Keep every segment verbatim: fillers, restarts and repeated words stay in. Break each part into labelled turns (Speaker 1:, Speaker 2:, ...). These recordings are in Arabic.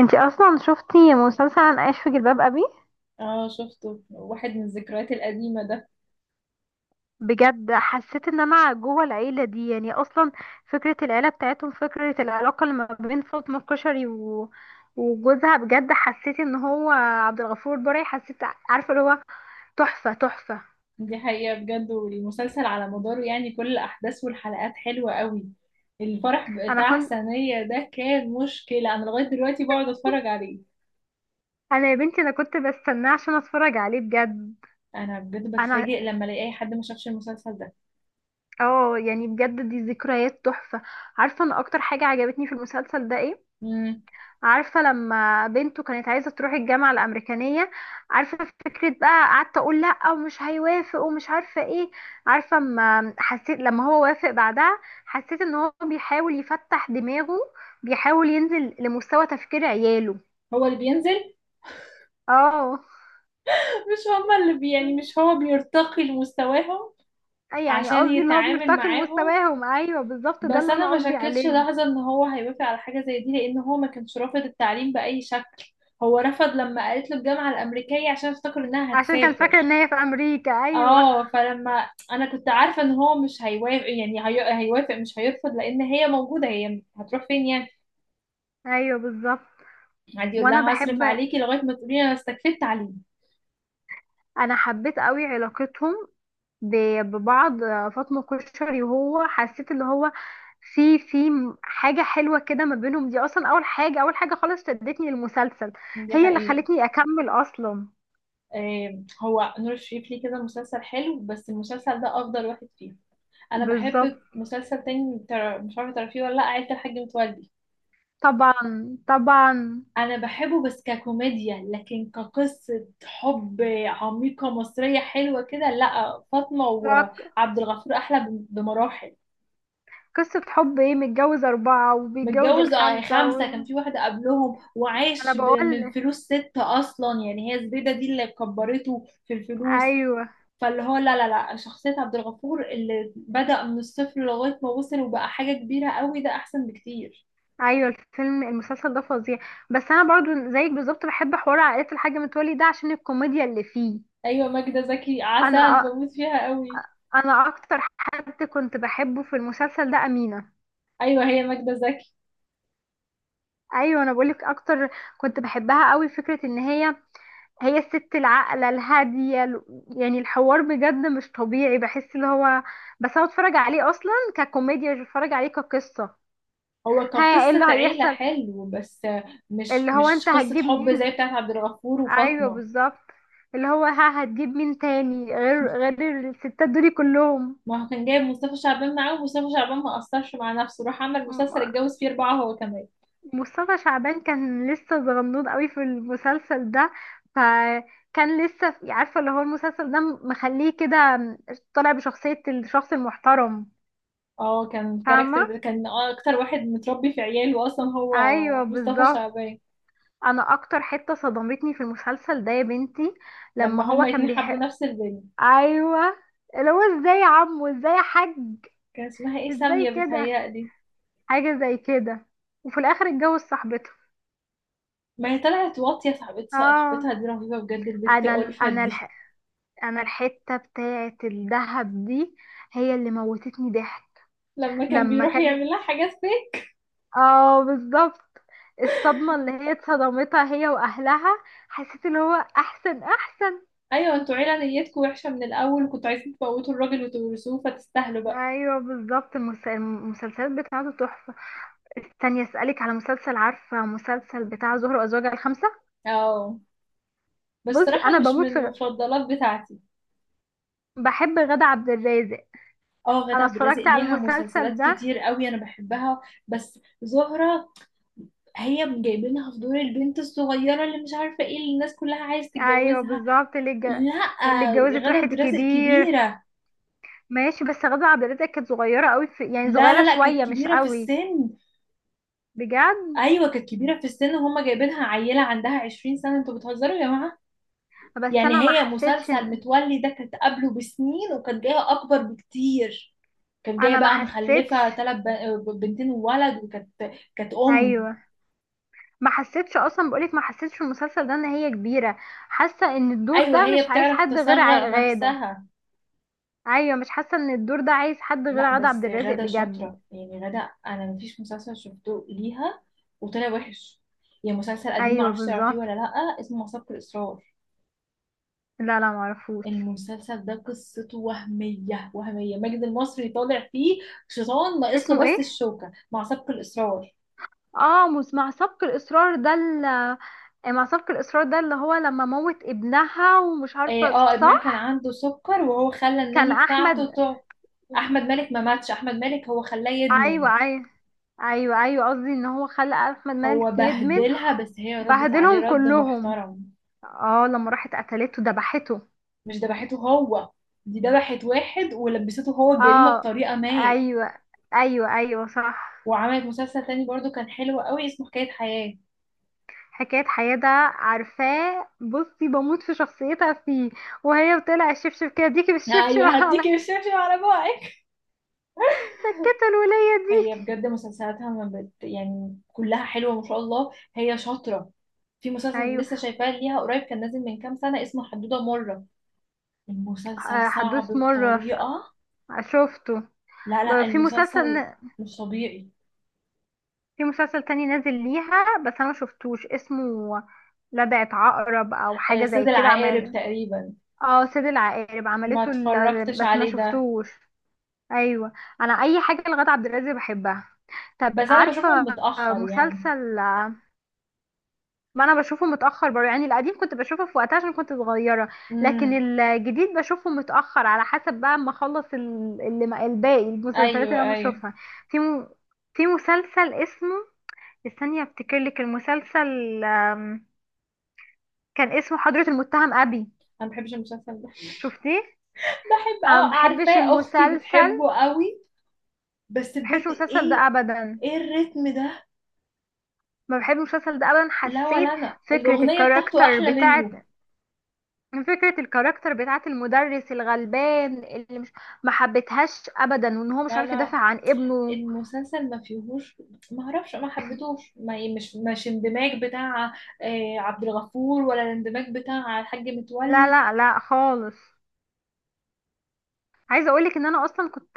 Speaker 1: انتي اصلا شفتي مسلسل انا عايش في جلباب ابي؟
Speaker 2: اه شفته، واحد من الذكريات القديمة ده.
Speaker 1: بجد حسيت ان انا جوه العيله دي، يعني اصلا فكره العيله بتاعتهم، فكره العلاقه اللي ما بين فاطمه الكشري و... وجوزها. بجد حسيت ان هو عبد الغفور البرعي. حسيت، عارفه اللي هو تحفه تحفه.
Speaker 2: دي حقيقة بجد، والمسلسل على مداره يعني كل الأحداث والحلقات حلوة قوي. الفرح
Speaker 1: انا
Speaker 2: بتاع
Speaker 1: كنت،
Speaker 2: سنية ده كان مشكلة، أنا لغاية دلوقتي بقعد أتفرج عليه.
Speaker 1: انا يا بنتي انا كنت بستناه عشان اتفرج عليه بجد.
Speaker 2: أنا بجد
Speaker 1: انا،
Speaker 2: بتفاجئ لما ألاقي أي حد ما شافش المسلسل ده.
Speaker 1: اه يعني بجد دي ذكريات تحفه. عارفه ان اكتر حاجه عجبتني في المسلسل ده ايه؟
Speaker 2: مم.
Speaker 1: عارفة لما بنته كانت عايزة تروح الجامعة الأمريكانية، عارفة؟ فكرة بقى قعدت أقول لأ ومش هيوافق ومش عارفة ايه. عارفة اما حسيت لما هو وافق بعدها، حسيت ان هو بيحاول يفتح دماغه، بيحاول ينزل لمستوى تفكير عياله.
Speaker 2: هو اللي بينزل،
Speaker 1: اه،
Speaker 2: مش هما اللي بي يعني مش هو بيرتقي لمستواهم
Speaker 1: أي يعني
Speaker 2: عشان
Speaker 1: قصدي اللي هو
Speaker 2: يتعامل
Speaker 1: بيرتقي
Speaker 2: معاهم.
Speaker 1: لمستواهم، ايوه بالظبط ده
Speaker 2: بس
Speaker 1: اللي
Speaker 2: انا
Speaker 1: انا
Speaker 2: ما
Speaker 1: قصدي
Speaker 2: شكتش
Speaker 1: عليه.
Speaker 2: لحظه ان هو هيوافق على حاجه زي دي، لان هو ما كانش رافض التعليم باي شكل. هو رفض لما قالت له الجامعه الامريكيه، عشان افتكر انها
Speaker 1: عشان كان
Speaker 2: هتسافر.
Speaker 1: فاكر ان هي في امريكا، ايوه.
Speaker 2: اه، فلما انا كنت عارفه ان هو مش هيوافق يعني هي... هيوافق مش هيرفض، لان هي موجوده هي هتروح فين يعني.
Speaker 1: ايوه بالظبط.
Speaker 2: عادي يقول
Speaker 1: وانا
Speaker 2: لها هصرف
Speaker 1: بحب،
Speaker 2: عليكي لغايه ما تقولي انا استكفيت تعليم.
Speaker 1: انا حبيت قوي علاقتهم ب- ببعض. فاطمة كشري وهو، حسيت اللي هو في في حاجة حلوة كده ما بينهم. دي أصلا أول حاجة، أول حاجة خالص شدتني للمسلسل.
Speaker 2: دي
Speaker 1: هي اللي
Speaker 2: حقيقة.
Speaker 1: خلتني أكمل أصلا.
Speaker 2: آم، هو نور الشريف ليه كده مسلسل حلو، بس المسلسل ده أفضل واحد فيه. أنا
Speaker 1: بالظبط.
Speaker 2: بحب مسلسل تاني تر- مش عارفة تعرفيه ولا لأ، عيلة الحاج متولي.
Speaker 1: طبعا طبعا.
Speaker 2: انا بحبه بس ككوميديا، لكن كقصة حب عميقة مصرية حلوة كده، لا فاطمة
Speaker 1: لا،
Speaker 2: وعبد الغفور احلى بم- بمراحل.
Speaker 1: قصة حب ايه؟ متجوز أربعة وبيتجوز
Speaker 2: متجوز آه
Speaker 1: الخامسة و...
Speaker 2: خمسة، كان في واحدة قبلهم
Speaker 1: أنا
Speaker 2: وعاش ب- من
Speaker 1: بقول،
Speaker 2: فلوس ستة أصلا يعني، هي زبيدة دي اللي كبرته في الفلوس.
Speaker 1: أيوه.
Speaker 2: فاللي هو لا لا لا، شخصية عبد الغفور اللي بدأ من الصفر لغاية ما وصل وبقى حاجة كبيرة قوي، ده أحسن بكتير.
Speaker 1: أيوه الفيلم، المسلسل ده فظيع. بس أنا برضو زيك بالظبط بحب حوار عائلة الحاج متولي ده عشان الكوميديا اللي فيه.
Speaker 2: أيوة ماجدة زكي عسل،
Speaker 1: انا
Speaker 2: بموت فيها قوي.
Speaker 1: انا اكتر حد كنت بحبه في المسلسل ده امينه.
Speaker 2: أيوة، هي ماجدة زكي.
Speaker 1: ايوه، انا بقولك اكتر كنت بحبها قوي. فكره ان هي، هي الست العاقله الهاديه ال- يعني الحوار بجد مش طبيعي. بحس اللي هو، بس انا اتفرج عليه اصلا ككوميديا، مش بتفرج عليه كقصه.
Speaker 2: هو كان
Speaker 1: ها، ايه
Speaker 2: قصة
Speaker 1: اللي
Speaker 2: عيلة
Speaker 1: هيحصل؟
Speaker 2: حلو، بس مش
Speaker 1: اللي هو انت
Speaker 2: مش قصة
Speaker 1: هتجيب
Speaker 2: حب زي
Speaker 1: مين؟
Speaker 2: بتاعت عبد الغفور
Speaker 1: ايوه
Speaker 2: وفاطمة.
Speaker 1: بالظبط. اللي هو ها هتجيب مين تاني غير غير الستات دول كلهم؟
Speaker 2: ما هو كان جايب مصطفى شعبان معاه، ومصطفى شعبان ما قصرش مع نفسه، راح عمل مسلسل اتجوز فيه أربعة هو كمان.
Speaker 1: مصطفى شعبان كان لسه صغنون قوي في المسلسل ده. فكان لسه في- عارفه اللي هو المسلسل ده مخليه كده طالع بشخصيه الشخص المحترم.
Speaker 2: اه كان
Speaker 1: فاهمه؟
Speaker 2: كاركتر، كان أكتر واحد متربي في عياله أصلا هو،
Speaker 1: ايوه
Speaker 2: مصطفى
Speaker 1: بالظبط.
Speaker 2: شعبان.
Speaker 1: انا اكتر حته صدمتني في المسلسل ده يا بنتي لما
Speaker 2: لما
Speaker 1: هو
Speaker 2: هما
Speaker 1: كان
Speaker 2: الاتنين حبوا
Speaker 1: بيحب.
Speaker 2: نفس البنت،
Speaker 1: ايوه، اللي هو ازاي يا عمو، ازاي يا حاج؟
Speaker 2: كان اسمها ايه،
Speaker 1: ازاي
Speaker 2: سامية
Speaker 1: كده،
Speaker 2: بتهيألي.
Speaker 1: حاجه زي كده. وفي الاخر اتجوز صاحبته.
Speaker 2: ما هي طلعت واطية، صاحبت-
Speaker 1: اه،
Speaker 2: صاحبتها دي رهيبة بجد، البت
Speaker 1: انا
Speaker 2: ألفت
Speaker 1: انا
Speaker 2: دي.
Speaker 1: الح... انا الحته بتاعه الدهب دي هي اللي موتتني ضحك.
Speaker 2: لما كان
Speaker 1: لما
Speaker 2: بيروح يعمل
Speaker 1: كانت،
Speaker 2: لها حاجات.
Speaker 1: اه بالظبط. الصدمه اللي هي اتصدمتها هي واهلها، حسيت اللي هو احسن احسن.
Speaker 2: ايوه انتوا عيله نيتكم وحشه من الاول، وكنتوا عايزين تموتوا الراجل وتورثوه، فتستاهلوا بقى.
Speaker 1: ايوه بالظبط، المس- المسلسلات بتاعته تحفه. استني اسالك على مسلسل، عارفه مسلسل بتاع زهر وازواجها الخمسه؟
Speaker 2: اه، بس
Speaker 1: بصي،
Speaker 2: صراحه
Speaker 1: انا
Speaker 2: مش من
Speaker 1: بموت في،
Speaker 2: المفضلات بتاعتي.
Speaker 1: بحب غادة عبد الرازق.
Speaker 2: اه غادة
Speaker 1: انا
Speaker 2: عبد الرازق
Speaker 1: اتفرجت على
Speaker 2: ليها
Speaker 1: المسلسل
Speaker 2: مسلسلات
Speaker 1: ده.
Speaker 2: كتير قوي، انا بحبها. بس زهرة هي جايبينها في دور البنت الصغيره اللي مش عارفه ايه اللي الناس كلها عايز
Speaker 1: ايوه
Speaker 2: تتجوزها.
Speaker 1: بالظبط، اللي اتج-
Speaker 2: لا،
Speaker 1: اللي اتجوزت
Speaker 2: غادة
Speaker 1: واحد
Speaker 2: عبد الرازق
Speaker 1: كبير.
Speaker 2: كبيره.
Speaker 1: ماشي، بس غادة عبد الرازق كانت صغيرة قوي في، يعني
Speaker 2: لا لا
Speaker 1: صغيرة
Speaker 2: لا، كانت
Speaker 1: شوية مش
Speaker 2: كبيره في
Speaker 1: قوي.
Speaker 2: السن.
Speaker 1: بجد؟
Speaker 2: ايوه كانت كبيره في السن، وهم جايبينها عيله عندها عشرين سنه، انتوا بتهزروا يا.
Speaker 1: بس
Speaker 2: يعني
Speaker 1: انا ما
Speaker 2: هي
Speaker 1: حسيتش.
Speaker 2: مسلسل متولي ده كانت قبله بسنين، وكانت جايه اكبر بكتير. كانت جايه
Speaker 1: انا ما
Speaker 2: بقى
Speaker 1: حسيتش.
Speaker 2: مخلفه ثلاث بنتين وولد، وكانت كانت ام.
Speaker 1: ايوه. ما حسيتش اصلا، بقولك ما حسيتش في المسلسل ده ان هي كبيرة. حاسة ان الدور
Speaker 2: ايوه
Speaker 1: ده
Speaker 2: هي
Speaker 1: مش عايز
Speaker 2: بتعرف
Speaker 1: حد غير ع-
Speaker 2: تصغر
Speaker 1: غادة.
Speaker 2: نفسها.
Speaker 1: ايوه، مش حاسة ان الدور ده عايز حد
Speaker 2: لا
Speaker 1: غير غادة عبد
Speaker 2: بس
Speaker 1: الرازق
Speaker 2: غادة
Speaker 1: بجد.
Speaker 2: شاطره يعني، غادة انا مفيش مسلسل شفته ليها وطلع وحش. يعني مسلسل قديم
Speaker 1: ايوه
Speaker 2: معرفش تعرفيه
Speaker 1: بالظبط.
Speaker 2: ولا لا، اسمه مسابقة الإصرار.
Speaker 1: لا لا معرفوش.
Speaker 2: المسلسل ده قصته وهمية وهمية، ماجد المصري طالع فيه شيطان، ناقص
Speaker 1: اسمه
Speaker 2: له بس
Speaker 1: ايه؟
Speaker 2: الشوكة، مع سبق الإصرار.
Speaker 1: اه مس- مع سبق الاصرار ده ال- مع سبق الاصرار ده اللي هو لما موت ابنها ومش
Speaker 2: إيه،
Speaker 1: عارفة.
Speaker 2: اه ابنها كان
Speaker 1: صح،
Speaker 2: عنده سكر، وهو خلى
Speaker 1: كان
Speaker 2: الناني بتاعته
Speaker 1: احمد
Speaker 2: تقعد.
Speaker 1: وك-
Speaker 2: احمد مالك ما ماتش، احمد مالك هو خلاه يدمن.
Speaker 1: ايوه ايوه. ايوه ايوه قصدي ان هو خلى احمد
Speaker 2: هو
Speaker 1: مالك يدمن.
Speaker 2: بهدلها، بس هي ردت عليه
Speaker 1: بهدلهم
Speaker 2: رد
Speaker 1: كلهم.
Speaker 2: محترم.
Speaker 1: اه لما راحت قتلته ذبحته.
Speaker 2: مش ذبحته هو، دي ذبحت واحد ولبسته هو الجريمة
Speaker 1: اه
Speaker 2: بطريقة ما.
Speaker 1: ايوه ايوه، ايوه صح.
Speaker 2: وعملت مسلسل تاني برضو كان حلو قوي، اسمه حكاية حياة.
Speaker 1: حكاية حياة ده عارفاه. بصي، بموت في شخصيتها فيه، وهي بتقلع الشبشب كده، ديكي بالشبشب
Speaker 2: ايوه
Speaker 1: على
Speaker 2: هديكي الشبشب على بوعك.
Speaker 1: سكتة الولية دي.
Speaker 2: هي بجد مسلسلاتها ما بت... يعني كلها حلوة ما شاء الله، هي شاطرة. في مسلسل
Speaker 1: ايوه.
Speaker 2: لسه شايفاه ليها قريب، كان نازل من كام سنة، اسمه حدودة مرة. المسلسل
Speaker 1: آه،
Speaker 2: صعب
Speaker 1: حدوث مرة ش-
Speaker 2: بطريقة.
Speaker 1: شفته.
Speaker 2: لا
Speaker 1: ب-
Speaker 2: لا،
Speaker 1: في مسلسل،
Speaker 2: المسلسل مش طبيعي.
Speaker 1: في مسلسل تاني نازل ليها بس انا مشفتوش اسمه. لدغت عقرب او
Speaker 2: آه،
Speaker 1: حاجه زي
Speaker 2: سيد
Speaker 1: كده
Speaker 2: العقارب
Speaker 1: عمل.
Speaker 2: تقريبا.
Speaker 1: اه سيد العقارب
Speaker 2: ما
Speaker 1: عملته ال...
Speaker 2: اتفرجتش
Speaker 1: بس ما
Speaker 2: عليه ده.
Speaker 1: شفتوش. ايوه، انا اي حاجه لغادة عبد الرازق بحبها. طب
Speaker 2: بس انا بشوفه
Speaker 1: عارفه
Speaker 2: متأخر يعني.
Speaker 1: مسلسل، ما انا بشوفه متاخر برضه. يعني القديم كنت بشوفه في وقتها عشان كنت صغيره، لكن
Speaker 2: امم.
Speaker 1: الجديد بشوفه متاخر، على حسب بقى ما اخلص ال- اللي ما- الباقي المسلسلات
Speaker 2: ايوه
Speaker 1: اللي انا
Speaker 2: ايوه،
Speaker 1: بشوفها. في م... في مسلسل اسمه، استني افتكر لك المسلسل. آم، كان اسمه حضرة المتهم ابي.
Speaker 2: انا ما بحبش المسلسل ده.
Speaker 1: شفتيه؟
Speaker 2: بحب
Speaker 1: انا
Speaker 2: اه
Speaker 1: ما بحبش
Speaker 2: عارفاه اختي
Speaker 1: المسلسل،
Speaker 2: بتحبه قوي. بس
Speaker 1: ما بحبش
Speaker 2: بجد
Speaker 1: المسلسل ده
Speaker 2: ايه؟
Speaker 1: ابدا.
Speaker 2: ايه الريتم ده؟
Speaker 1: ما بحبش المسلسل ده ابدا،
Speaker 2: لا
Speaker 1: حسيت
Speaker 2: ولا انا
Speaker 1: فكرة
Speaker 2: الاغنية بتاعته
Speaker 1: الكاركتر
Speaker 2: احلى منه.
Speaker 1: بتاعت، فكرة الكاركتر بتاعت المدرس الغلبان اللي مش، ما حبيتهاش ابدا. وان هو مش
Speaker 2: لا
Speaker 1: عارف
Speaker 2: لا،
Speaker 1: يدافع عن ابنه.
Speaker 2: المسلسل ما فيهوش، ما اعرفش ما حبيتهوش ما مش مش اندماج بتاع آه، عبد الغفور، ولا الاندماج بتاع الحاج
Speaker 1: لا
Speaker 2: متولي.
Speaker 1: لا لا خالص. عايزة اقولك ان انا اصلا كنت،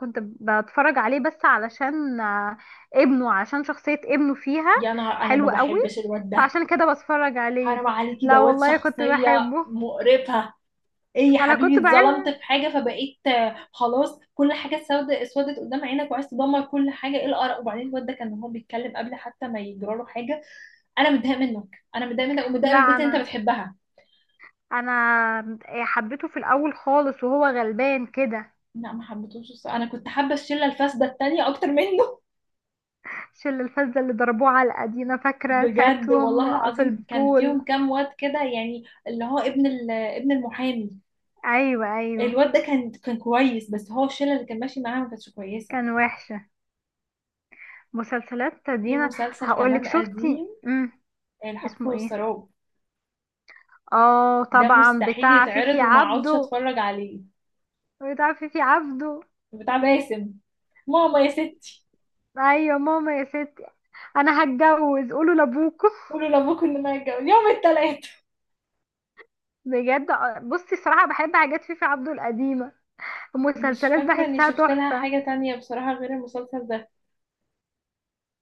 Speaker 1: كنت بتفرج عليه بس علشان آه، ابنه، عشان شخصية ابنه فيها
Speaker 2: يا نهار، انا ما
Speaker 1: حلوة قوي،
Speaker 2: بحبش الواد ده.
Speaker 1: فعشان كده بتفرج
Speaker 2: حرام
Speaker 1: عليه.
Speaker 2: عليكي،
Speaker 1: لا
Speaker 2: دوت
Speaker 1: والله كنت
Speaker 2: شخصية
Speaker 1: بحبه.
Speaker 2: مقرفة. ايه يا
Speaker 1: انا كنت
Speaker 2: حبيبي، اتظلمت
Speaker 1: بحب،
Speaker 2: في حاجة فبقيت آه، خلاص كل حاجة سودة اسودت قدام عينك، وعايز تدمر كل حاجة؟ ايه القرف. وبعدين الواد ده كان هو بيتكلم قبل حتى ما يجرى له حاجة. انا متضايقة منك، انا متضايقة منك ومتضايقة من
Speaker 1: لا
Speaker 2: البنت اللي انت
Speaker 1: انا
Speaker 2: بتحبها.
Speaker 1: انا إيه، حبيته في الاول خالص وهو غلبان كده.
Speaker 2: لا ما حبيتهوش الصراحة. انا كنت حابه الشله الفاسده التانية اكتر منه.
Speaker 1: شل الفزة اللي ضربوه على الأدينا، فاكرة
Speaker 2: بجد
Speaker 1: ساعتهم
Speaker 2: والله
Speaker 1: في
Speaker 2: العظيم كان
Speaker 1: البول؟
Speaker 2: فيهم كام واد كده يعني، اللي هو ابن ال- ابن المحامي.
Speaker 1: ايوه ايوه.
Speaker 2: الواد ده كان كان كويس، بس هو الشله اللي كان ماشي معاها ما كانتش كويسه.
Speaker 1: كان وحشة. مسلسلات
Speaker 2: في
Speaker 1: دينا
Speaker 2: مسلسل
Speaker 1: هقولك،
Speaker 2: كمان قديم،
Speaker 1: شفتي؟ امم
Speaker 2: الحقبة
Speaker 1: اسمه ايه؟
Speaker 2: والسراب،
Speaker 1: اه
Speaker 2: ده
Speaker 1: طبعا
Speaker 2: مستحيل
Speaker 1: بتاع
Speaker 2: يتعرض
Speaker 1: فيفي
Speaker 2: وما اقعدش
Speaker 1: عبده،
Speaker 2: اتفرج عليه.
Speaker 1: بتاع فيفي عبده.
Speaker 2: بتاع باسم، ماما يا ستي.
Speaker 1: ايوه ماما يا ستي، انا هتجوز قولوا لابوكم.
Speaker 2: قولوا لابوكم ان ما يتجوز يوم التلات.
Speaker 1: بجد، آه، بصي صراحة بحب حاجات فيفي عبده القديمة،
Speaker 2: مش
Speaker 1: المسلسلات
Speaker 2: فاكره اني
Speaker 1: بحسها
Speaker 2: شفت لها
Speaker 1: تحفة.
Speaker 2: حاجه تانية بصراحه غير المسلسل ده.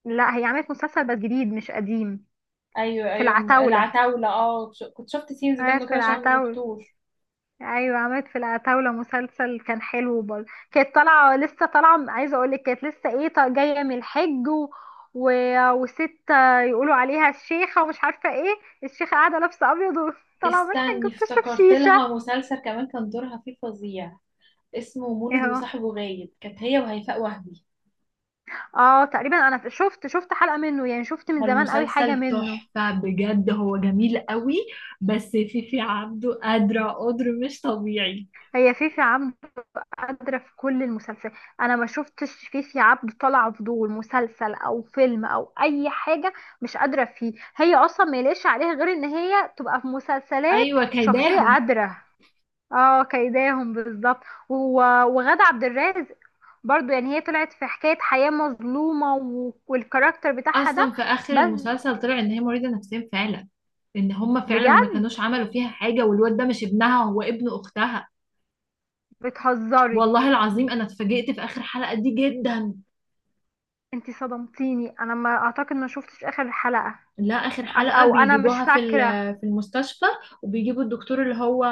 Speaker 1: لا هي عملت مسلسل بس جديد مش قديم.
Speaker 2: ايوه
Speaker 1: في
Speaker 2: ايوه
Speaker 1: العتاولة،
Speaker 2: العتاوله، اه ش- كنت شفت سينز
Speaker 1: عملت
Speaker 2: منه
Speaker 1: في
Speaker 2: كده عشان ما
Speaker 1: العتاولة.
Speaker 2: شفتوش.
Speaker 1: ايوه عملت في العتاولة مسلسل كان حلو برضه. كانت طالعة لسه، طالعة عايزة اقولك كانت لسه ايه، طا- جاية من الحج و... و... وست يقولوا عليها الشيخة ومش عارفة ايه. الشيخة قاعدة لابسة ابيض وطالعة من الحج
Speaker 2: استني،
Speaker 1: بتشرب
Speaker 2: افتكرت لها
Speaker 1: شيشة.
Speaker 2: مسلسل كمان كان دورها فيه فظيع، اسمه
Speaker 1: ايه
Speaker 2: مولد
Speaker 1: هو؟
Speaker 2: وصاحبه غايب، كانت هي وهيفاء وهبي.
Speaker 1: اه تقريبا انا شفت، شفت حلقة منه. يعني شفت
Speaker 2: هو
Speaker 1: من زمان قوي حاجة
Speaker 2: المسلسل
Speaker 1: منه.
Speaker 2: تحفة بجد، هو جميل قوي، بس فيفي عبده قادرة قدر مش طبيعي.
Speaker 1: هي فيفي عبده قادرة في كل المسلسلات. انا ما شفتش فيفي عبد طالعة فضول مسلسل او فيلم او اي حاجة مش قادرة فيه. هي اصلا ما يليقش عليها غير ان هي تبقى في مسلسلات
Speaker 2: أيوة
Speaker 1: شخصية
Speaker 2: كيداهم.
Speaker 1: قادرة. اه كيداهم بالظبط. و- وغادة عبد الرازق برضو، يعني هي طلعت في حكاية حياة مظلومة و- والكاركتر بتاعها
Speaker 2: أصلا
Speaker 1: ده.
Speaker 2: في آخر
Speaker 1: بس
Speaker 2: المسلسل طلع إن هي مريضة نفسيا فعلا، إن هما فعلا ما
Speaker 1: بجد؟
Speaker 2: كانوش عملوا فيها حاجة، والواد ده مش ابنها، هو ابن أختها.
Speaker 1: بتهزري؟
Speaker 2: والله العظيم أنا اتفاجئت في آخر حلقة دي جدا.
Speaker 1: انتي صدمتيني، انا ما اعتقد، ما شفتش اخر حلقة.
Speaker 2: لا آخر
Speaker 1: عش-
Speaker 2: حلقة
Speaker 1: او انا مش
Speaker 2: بيجيبوها في
Speaker 1: فاكرة.
Speaker 2: ال- في المستشفى، وبيجيبوا الدكتور اللي هو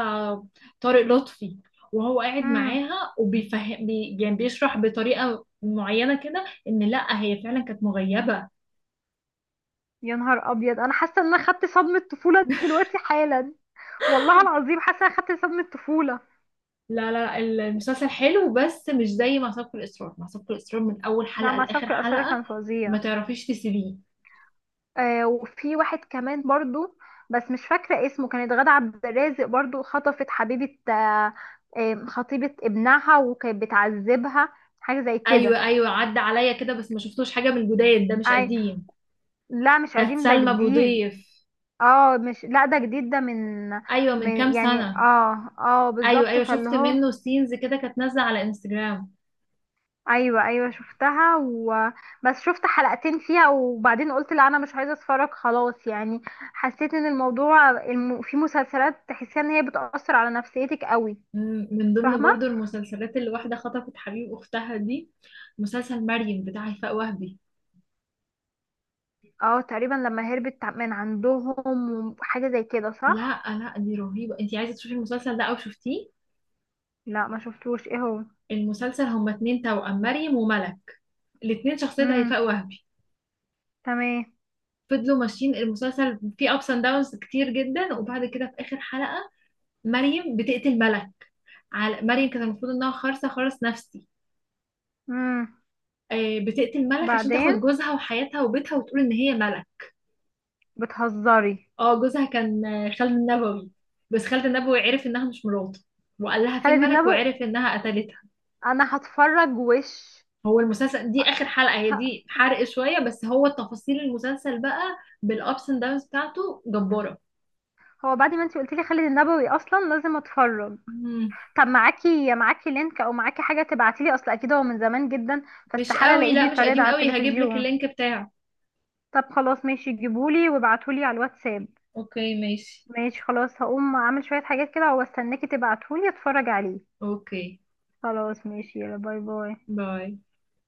Speaker 2: طارق لطفي، وهو قاعد
Speaker 1: مم.
Speaker 2: معاها وبيفهم بي يعني بيشرح بطريقة معينة كده إن لا هي فعلا كانت مغيبة.
Speaker 1: يا نهار ابيض، انا حاسه ان انا خدت صدمه طفوله دلوقتي حالا. والله العظيم حاسه ان انا خدت صدمه طفوله.
Speaker 2: لا لا، المسلسل حلو، بس مش زي مع في الإصرار، مع في الإصرار من أول
Speaker 1: نعم
Speaker 2: حلقة
Speaker 1: مع
Speaker 2: لآخر
Speaker 1: سبك الأسرة
Speaker 2: حلقة،
Speaker 1: كان
Speaker 2: ما
Speaker 1: فظيع.
Speaker 2: تعرفيش تسيبيه.
Speaker 1: آه وفي واحد كمان برضو بس مش فاكره اسمه، كانت غادة عبد الرازق برضو خطفت حبيبه، آه، آه، خطيبه ابنها وكانت بتعذبها، حاجه زي
Speaker 2: أيوة
Speaker 1: كده.
Speaker 2: أيوة، عدى عليا كده، بس ما شفتوش حاجة من الجداد ده، مش
Speaker 1: أي،
Speaker 2: قديم.
Speaker 1: لا مش
Speaker 2: كانت
Speaker 1: قديم ده
Speaker 2: سلمى أبو
Speaker 1: جديد.
Speaker 2: ضيف.
Speaker 1: اه مش، لا ده جديد، ده من،
Speaker 2: أيوة من كام
Speaker 1: من يعني،
Speaker 2: سنة.
Speaker 1: اه اه
Speaker 2: ايوه
Speaker 1: بالظبط
Speaker 2: ايوه،
Speaker 1: فاللي
Speaker 2: شفت
Speaker 1: هو،
Speaker 2: منه سينز كده، كانت نازله على انستجرام.
Speaker 1: ايوه ايوه شفتها و... بس شفت حلقتين فيها وبعدين قلت لا انا مش عايزه اتفرج خلاص يعني. حسيت ان الموضوع الم... في مسلسلات تحسيها ان هي بتأثر على نفسيتك قوي.
Speaker 2: مم، من ضمن
Speaker 1: فاهمه.
Speaker 2: برضو المسلسلات اللي واحده خطفت حبيب اختها دي، مسلسل مريم بتاع هيفاء وهبي.
Speaker 1: اه تقريبا لما هربت من عندهم وحاجه زي كده، صح؟
Speaker 2: لا لا، دي رهيبه، انتي عايزه تشوفي المسلسل ده او شفتيه؟
Speaker 1: لا ما شفتوش، ايه هو؟
Speaker 2: المسلسل هما اتنين توأم، مريم وملك، الاتنين شخصيه
Speaker 1: امم،
Speaker 2: هيفاء وهبي.
Speaker 1: تمام.
Speaker 2: فضلوا ماشيين، المسلسل فيه ابس اند داونز كتير جدا، وبعد كده في اخر حلقه مريم بتقتل ملك، على مريم كانت المفروض انها خارصه خالص نفسي.
Speaker 1: امم،
Speaker 2: آه، بتقتل ملك عشان تاخد
Speaker 1: بعدين
Speaker 2: جوزها وحياتها وبيتها، وتقول ان هي ملك.
Speaker 1: بتهزري؟
Speaker 2: اه جوزها كان خالد النبوي، بس خالد النبوي عرف انها مش مراته، وقال لها فين
Speaker 1: خالد
Speaker 2: مالك،
Speaker 1: النبوي،
Speaker 2: وعرف انها قتلتها.
Speaker 1: انا هتفرج وش.
Speaker 2: هو المسلسل دي اخر حلقة، هي
Speaker 1: ه-
Speaker 2: دي حرق شوية، بس هو تفاصيل المسلسل بقى بالابس اند داونز بتاعته جبارة.
Speaker 1: هو بعد ما انتي قلتلي خالد النبوي اصلا لازم اتفرج.
Speaker 2: مم.
Speaker 1: طب معاكي، معاكي لينك او معاكي حاجه تبعتيلي؟ اصل اكيد هو من زمان جدا،
Speaker 2: مش
Speaker 1: فاستحاله
Speaker 2: قوي،
Speaker 1: الاقيه
Speaker 2: لا مش
Speaker 1: بيتعرض
Speaker 2: قديم
Speaker 1: على
Speaker 2: قوي، هجيب لك
Speaker 1: التلفزيون.
Speaker 2: اللينك بتاعه.
Speaker 1: طب خلاص ماشي، جيبولي وابعتولي على الواتساب.
Speaker 2: اوكي ماشي.
Speaker 1: ماشي خلاص، هقوم اعمل شويه حاجات كده واستناكي تبعتولي اتفرج عليه.
Speaker 2: اوكي
Speaker 1: خلاص ماشي، يلا باي باي.
Speaker 2: باي.